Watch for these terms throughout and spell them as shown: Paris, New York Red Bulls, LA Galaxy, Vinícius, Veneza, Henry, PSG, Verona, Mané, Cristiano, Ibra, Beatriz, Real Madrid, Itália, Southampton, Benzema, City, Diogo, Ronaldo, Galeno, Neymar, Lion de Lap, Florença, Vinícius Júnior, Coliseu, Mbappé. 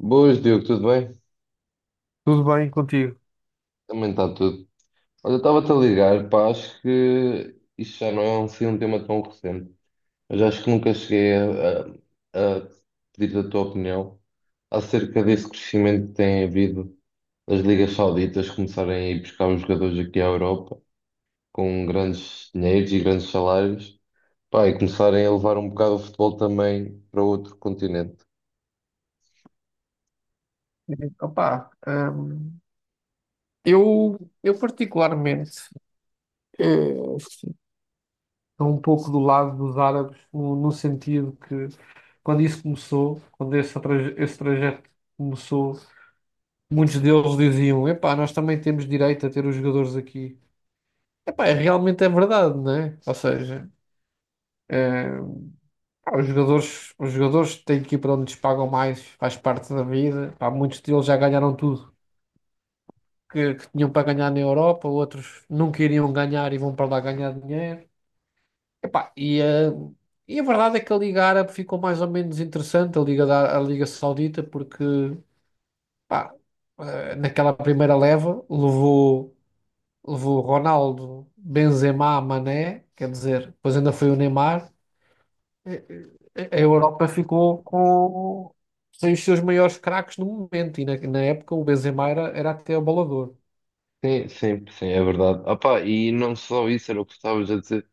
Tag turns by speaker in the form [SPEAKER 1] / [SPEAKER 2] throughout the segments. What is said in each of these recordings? [SPEAKER 1] Boas, Diogo, tudo bem?
[SPEAKER 2] Tudo bem contigo?
[SPEAKER 1] Também está tudo. Olha, eu estava-te a ligar, pá, acho que isto já não é um tema tão recente, mas acho que nunca cheguei a pedir a tua opinião acerca desse crescimento que tem havido, das ligas sauditas começarem a ir buscar os jogadores aqui à Europa com grandes dinheiros e grandes salários, pá, e começarem a levar um bocado o futebol também para outro continente.
[SPEAKER 2] Opa, hum, eu particularmente eh, estou um pouco do lado dos árabes no sentido que quando isso começou, esse trajeto começou, muitos deles diziam, epá, nós também temos direito a ter os jogadores aqui. Epá, realmente é verdade, né? Ou seja, eh, pá, os jogadores têm que ir para onde lhes pagam mais, faz parte da vida. Pá, muitos deles já ganharam tudo que tinham para ganhar na Europa, outros não queriam ganhar e vão para lá ganhar dinheiro. Epá, e, eh, e a verdade é que a Liga Árabe ficou mais ou menos interessante, a Liga Saudita, porque pá, naquela primeira levou Ronaldo, Benzema, Mané, quer dizer, depois ainda foi o Neymar. Eh, A Europa ficou com sem os seus maiores craques no momento, e na época o Benzema era até abalador.
[SPEAKER 1] Sim, sim, sim, é verdade. Ah, pá, e não só isso, era o que estavas a dizer.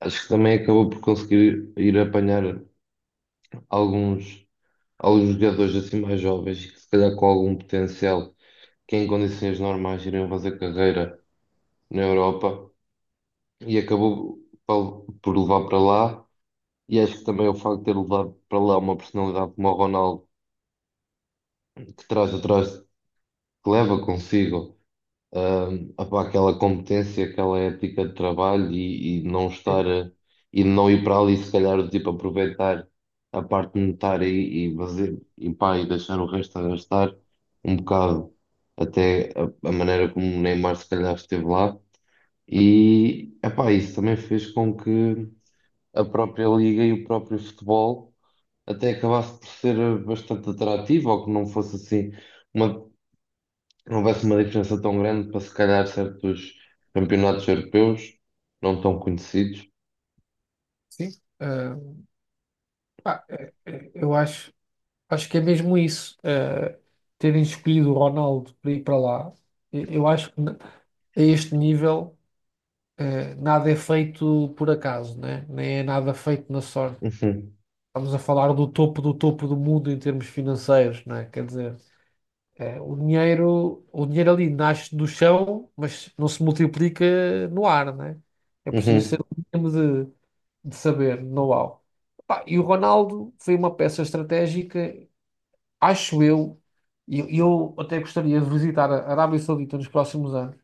[SPEAKER 1] Acho que também acabou por conseguir ir apanhar alguns, alguns jogadores assim mais jovens que se calhar com algum potencial, que em condições normais iriam fazer carreira na Europa, e acabou por levar para lá. E acho que também o facto de ter levado para lá uma personalidade como o Ronaldo, que traz atrás, que leva consigo, opá, aquela competência, aquela ética de trabalho, e não
[SPEAKER 2] Sim.
[SPEAKER 1] e não ir para ali se calhar do tipo aproveitar a parte monetária e fazer e pá, e deixar o resto a gastar um bocado, até a maneira como o Neymar se calhar esteve lá. E epá, isso também fez com que a própria liga e o próprio futebol até acabasse por ser bastante atrativo, ou que não fosse assim uma, não houvesse uma diferença tão grande para se calhar certos campeonatos europeus não tão conhecidos.
[SPEAKER 2] Sim. Pá, eu acho que é mesmo isso. Terem escolhido o Ronaldo para ir para lá, eu acho que n- a este nível, nada é feito por acaso, né? Nem é nada feito na sorte.
[SPEAKER 1] Uhum,
[SPEAKER 2] Estamos a falar do topo do topo do mundo em termos financeiros, né? Quer dizer, o dinheiro ali nasce do chão, mas não se multiplica no ar, né? É preciso ser
[SPEAKER 1] uhum,
[SPEAKER 2] um mínimo de, de saber, know-how. Pá, e o Ronaldo foi uma peça estratégica acho eu, e eu até gostaria de visitar a Arábia Saudita nos próximos anos,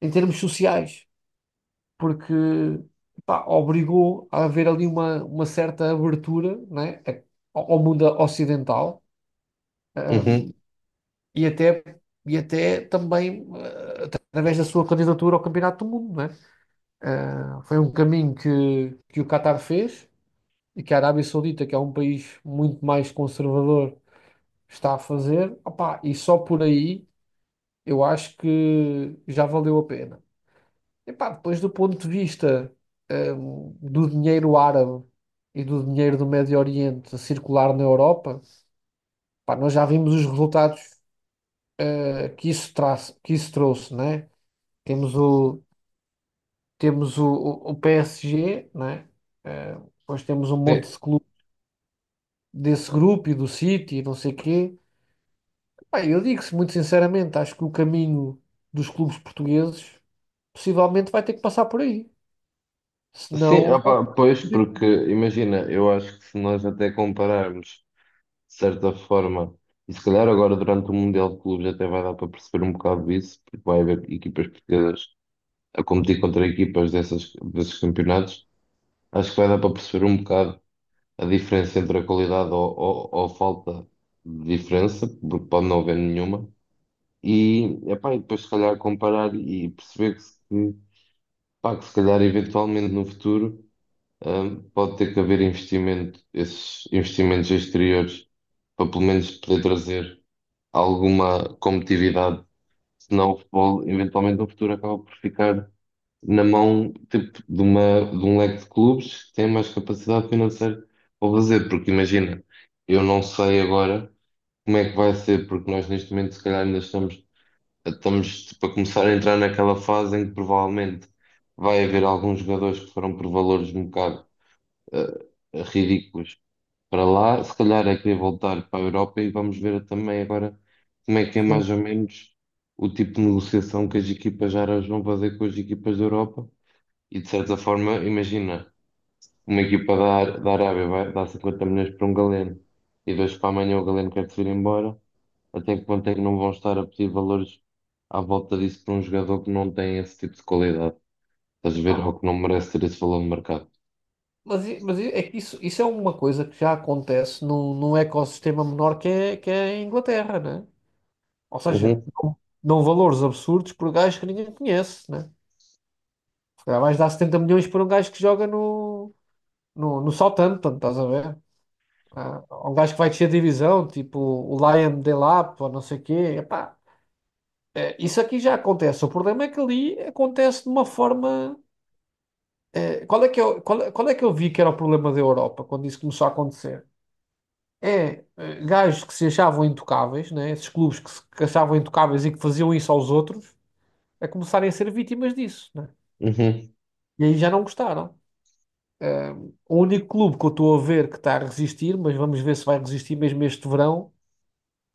[SPEAKER 2] em termos sociais, porque pá, obrigou a haver ali uma certa abertura, né, ao mundo ocidental,
[SPEAKER 1] uhum.
[SPEAKER 2] ahm, e até, e até também através da sua candidatura ao Campeonato do Mundo, né? Ah, foi um caminho que o Qatar fez e que a Arábia Saudita, que é um país muito mais conservador, está a fazer, opá, e só por aí eu acho que já valeu a pena. Epá, depois do ponto de vista, do dinheiro árabe e do dinheiro do Médio Oriente a circular na Europa, pá, nós já vimos os resultados, que isso traz, que isso trouxe, né? Temos o, temos o, o PSG, né? Eh, Depois temos um
[SPEAKER 1] Sim,
[SPEAKER 2] monte de clubes desse grupo e do City e não sei quê. Pá, eu digo-se muito sinceramente, acho que o caminho dos clubes portugueses possivelmente vai ter que passar por aí.
[SPEAKER 1] sim,
[SPEAKER 2] Senão,
[SPEAKER 1] opá, pois, porque imagina, eu acho que se nós até compararmos de certa forma, e se calhar agora durante o Mundial de Clubes até vai dar para perceber um bocado disso, porque vai haver equipas portuguesas a competir contra equipas dessas, desses campeonatos, acho que vai dar para perceber um bocado a diferença entre a qualidade, ou falta de diferença, porque pode não haver nenhuma. E, epá, e depois se calhar comparar e perceber que, se- que, pá, que se calhar eventualmente no futuro, pode ter que haver investimento, esses investimentos exteriores, para pelo menos poder trazer alguma competitividade, senão o futebol eventualmente no futuro acaba por ficar na mão tipo, de, uma, de um leque de clubes que tem mais capacidade financeira para fazer, porque imagina, eu não sei agora como é que vai ser, porque nós neste momento se calhar ainda estamos tipo, a começar a entrar naquela fase em que provavelmente vai haver alguns jogadores que foram por valores um bocado ridículos para lá, se calhar é querer voltar para a Europa. E vamos ver também agora como é que é
[SPEAKER 2] sim.
[SPEAKER 1] mais ou menos o tipo de negociação que as equipas árabes vão fazer com as equipas da Europa. E de certa forma, imagina, uma equipa da Arábia vai dar 50 milhões para um Galeno, e dois para amanhã o Galeno quer se ir embora, até que ponto é que não vão estar a pedir valores à volta disso para um jogador que não tem esse tipo de qualidade? Estás a ver?
[SPEAKER 2] Epá,
[SPEAKER 1] Ou que não merece ter esse valor no mercado.
[SPEAKER 2] Mas, é que isso é uma coisa que já acontece num, num ecossistema menor que é a Inglaterra, né? Ou seja,
[SPEAKER 1] Uhum,
[SPEAKER 2] dão valores absurdos por gajos que ninguém conhece, né? Se calhar vais dar 70 milhões por um gajo que joga no Southampton, estás a ver? Ah, um gajo que vai descer a divisão, tipo o Lion de Lap, ou não sei o quê. Epá, é, isso aqui já acontece. O problema é que ali acontece de uma forma. Qual é que eu vi que era o problema da Europa quando isso começou a acontecer? É, gajos que se achavam intocáveis, né? Esses clubes que se que achavam intocáveis e que faziam isso aos outros, a começarem a ser vítimas disso, né?
[SPEAKER 1] uhum.
[SPEAKER 2] E aí já não gostaram. Eh, o único clube que eu estou a ver que está a resistir, mas vamos ver se vai resistir mesmo este verão,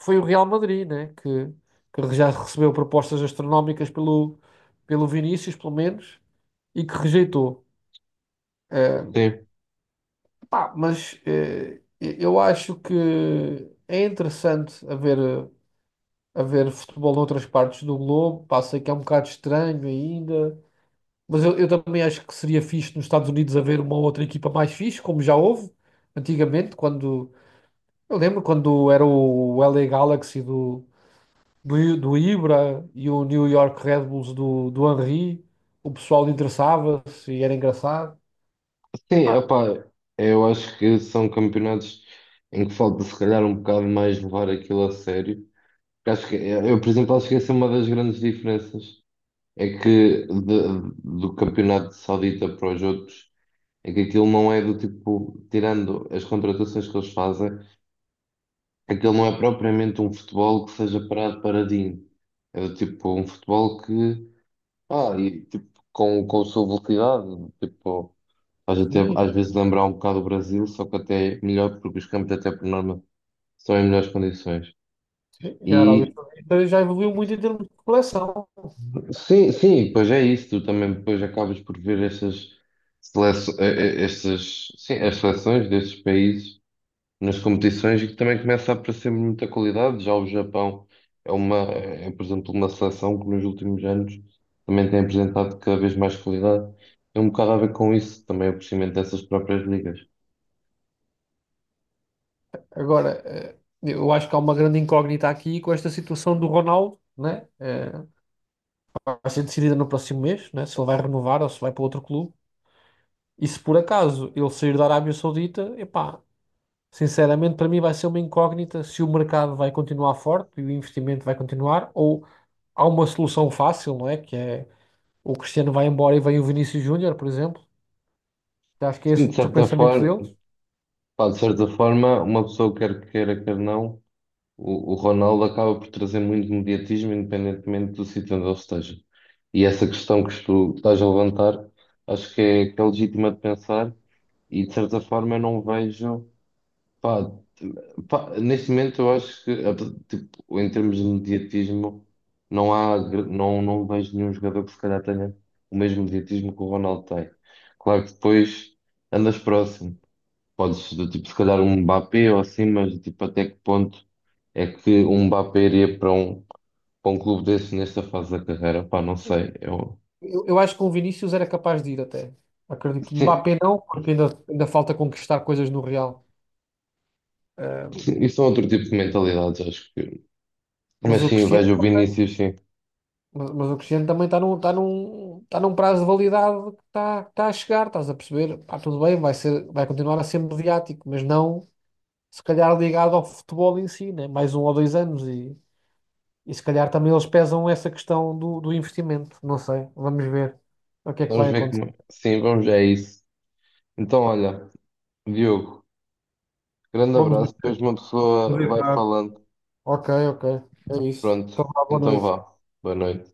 [SPEAKER 2] foi o Real Madrid, né? Que já recebeu propostas astronómicas pelo Vinícius, pelo menos, e que rejeitou. Eh,
[SPEAKER 1] Sim,
[SPEAKER 2] Pá, mas eu acho que é interessante haver futebol noutras partes do globo. Pá, sei que é um bocado estranho ainda, mas eu também acho que seria fixe nos Estados Unidos haver uma outra equipa mais fixe, como já houve antigamente, quando eu lembro quando era o LA Galaxy do Ibra e o New York Red Bulls do Henry, o pessoal interessava-se e era engraçado.
[SPEAKER 1] sim,
[SPEAKER 2] Epá,
[SPEAKER 1] opá, eu acho que são campeonatos em que falta se calhar um bocado mais levar aquilo a sério. Porque acho que, eu, por exemplo, acho que essa é uma das grandes diferenças, é que do campeonato saudita para os outros, é que aquilo não é do tipo, tirando as contratações que eles fazem, aquilo não é propriamente um futebol que seja parado paradinho. É do tipo um futebol que, pá, e, tipo, com a sua velocidade, tipo, faz até às vezes lembrar um bocado o Brasil, só que até é melhor, porque os campos até por norma são em melhores condições.
[SPEAKER 2] sim, e a Arábia
[SPEAKER 1] E
[SPEAKER 2] Saudita já evoluiu muito em termos de coleção.
[SPEAKER 1] sim, sim, pois é isso. Tu também depois acabas por ver estas seleções, estas, sim, as seleções destes países nas competições e que também começa a aparecer muita qualidade. Já o Japão é uma, é, por exemplo, uma seleção que nos últimos anos também tem apresentado cada vez mais qualidade. É um bocado a ver com isso, também o crescimento dessas próprias ligas.
[SPEAKER 2] Agora, eu acho que há uma grande incógnita aqui com esta situação do Ronaldo, né? Vai ser decidida no próximo mês, né? Se ele vai renovar ou se vai para outro clube. E se por acaso ele sair da Arábia Saudita, epá, sinceramente para mim vai ser uma incógnita se o mercado vai continuar forte e o investimento vai continuar, ou há uma solução fácil, não é? Que é: o Cristiano vai embora e vem o Vinícius Júnior, por exemplo. Acho que é
[SPEAKER 1] Sim,
[SPEAKER 2] esse
[SPEAKER 1] de
[SPEAKER 2] o
[SPEAKER 1] certa
[SPEAKER 2] pensamento
[SPEAKER 1] forma,
[SPEAKER 2] deles.
[SPEAKER 1] pá, de certa forma, uma pessoa quer queira, quer não. O Ronaldo acaba por trazer muito mediatismo, independentemente do sítio onde ele esteja. E essa questão que tu estás a levantar, acho que é legítima de pensar, e de certa forma eu não vejo. Pá, t- pá, neste momento eu acho tipo, em termos de mediatismo, não há, gr- não, não vejo nenhum jogador que se calhar tenha o mesmo mediatismo que o Ronaldo tem. Claro que depois andas próximo. Podes, do tipo, se calhar um Mbappé ou assim, mas tipo, até que ponto é que um Mbappé iria para para um clube desse nesta fase da carreira? Pá, não sei. Eu,
[SPEAKER 2] Eu acho que com o Vinícius era capaz de ir até. Acredito.
[SPEAKER 1] sim,
[SPEAKER 2] Mbappé não, porque ainda falta conquistar coisas no Real. Eh,
[SPEAKER 1] sim, isso é outro tipo de mentalidades, acho que. Mas
[SPEAKER 2] mas o
[SPEAKER 1] sim, eu
[SPEAKER 2] Cristiano,
[SPEAKER 1] vejo o Vinícius, sim.
[SPEAKER 2] mas o Cristiano também está está num prazo de validade que que está a chegar, estás a perceber? Pá, tudo bem, vai continuar a ser mediático, mas não se calhar ligado ao futebol em si, né? Mais um ou dois anos e se calhar também eles pesam essa questão do investimento. Não sei, vamos ver o que é que vai
[SPEAKER 1] Vamos ver
[SPEAKER 2] acontecer.
[SPEAKER 1] como. Sim, vamos, é isso. Então, olha, Diogo, grande
[SPEAKER 2] Vamos
[SPEAKER 1] abraço. Depois
[SPEAKER 2] ver.
[SPEAKER 1] uma
[SPEAKER 2] Vamos
[SPEAKER 1] pessoa
[SPEAKER 2] ver,
[SPEAKER 1] vai
[SPEAKER 2] claro.
[SPEAKER 1] falando.
[SPEAKER 2] Ok, ok. É isso.
[SPEAKER 1] Pronto,
[SPEAKER 2] Então, vá, boa
[SPEAKER 1] então
[SPEAKER 2] noite.
[SPEAKER 1] vá. Boa noite.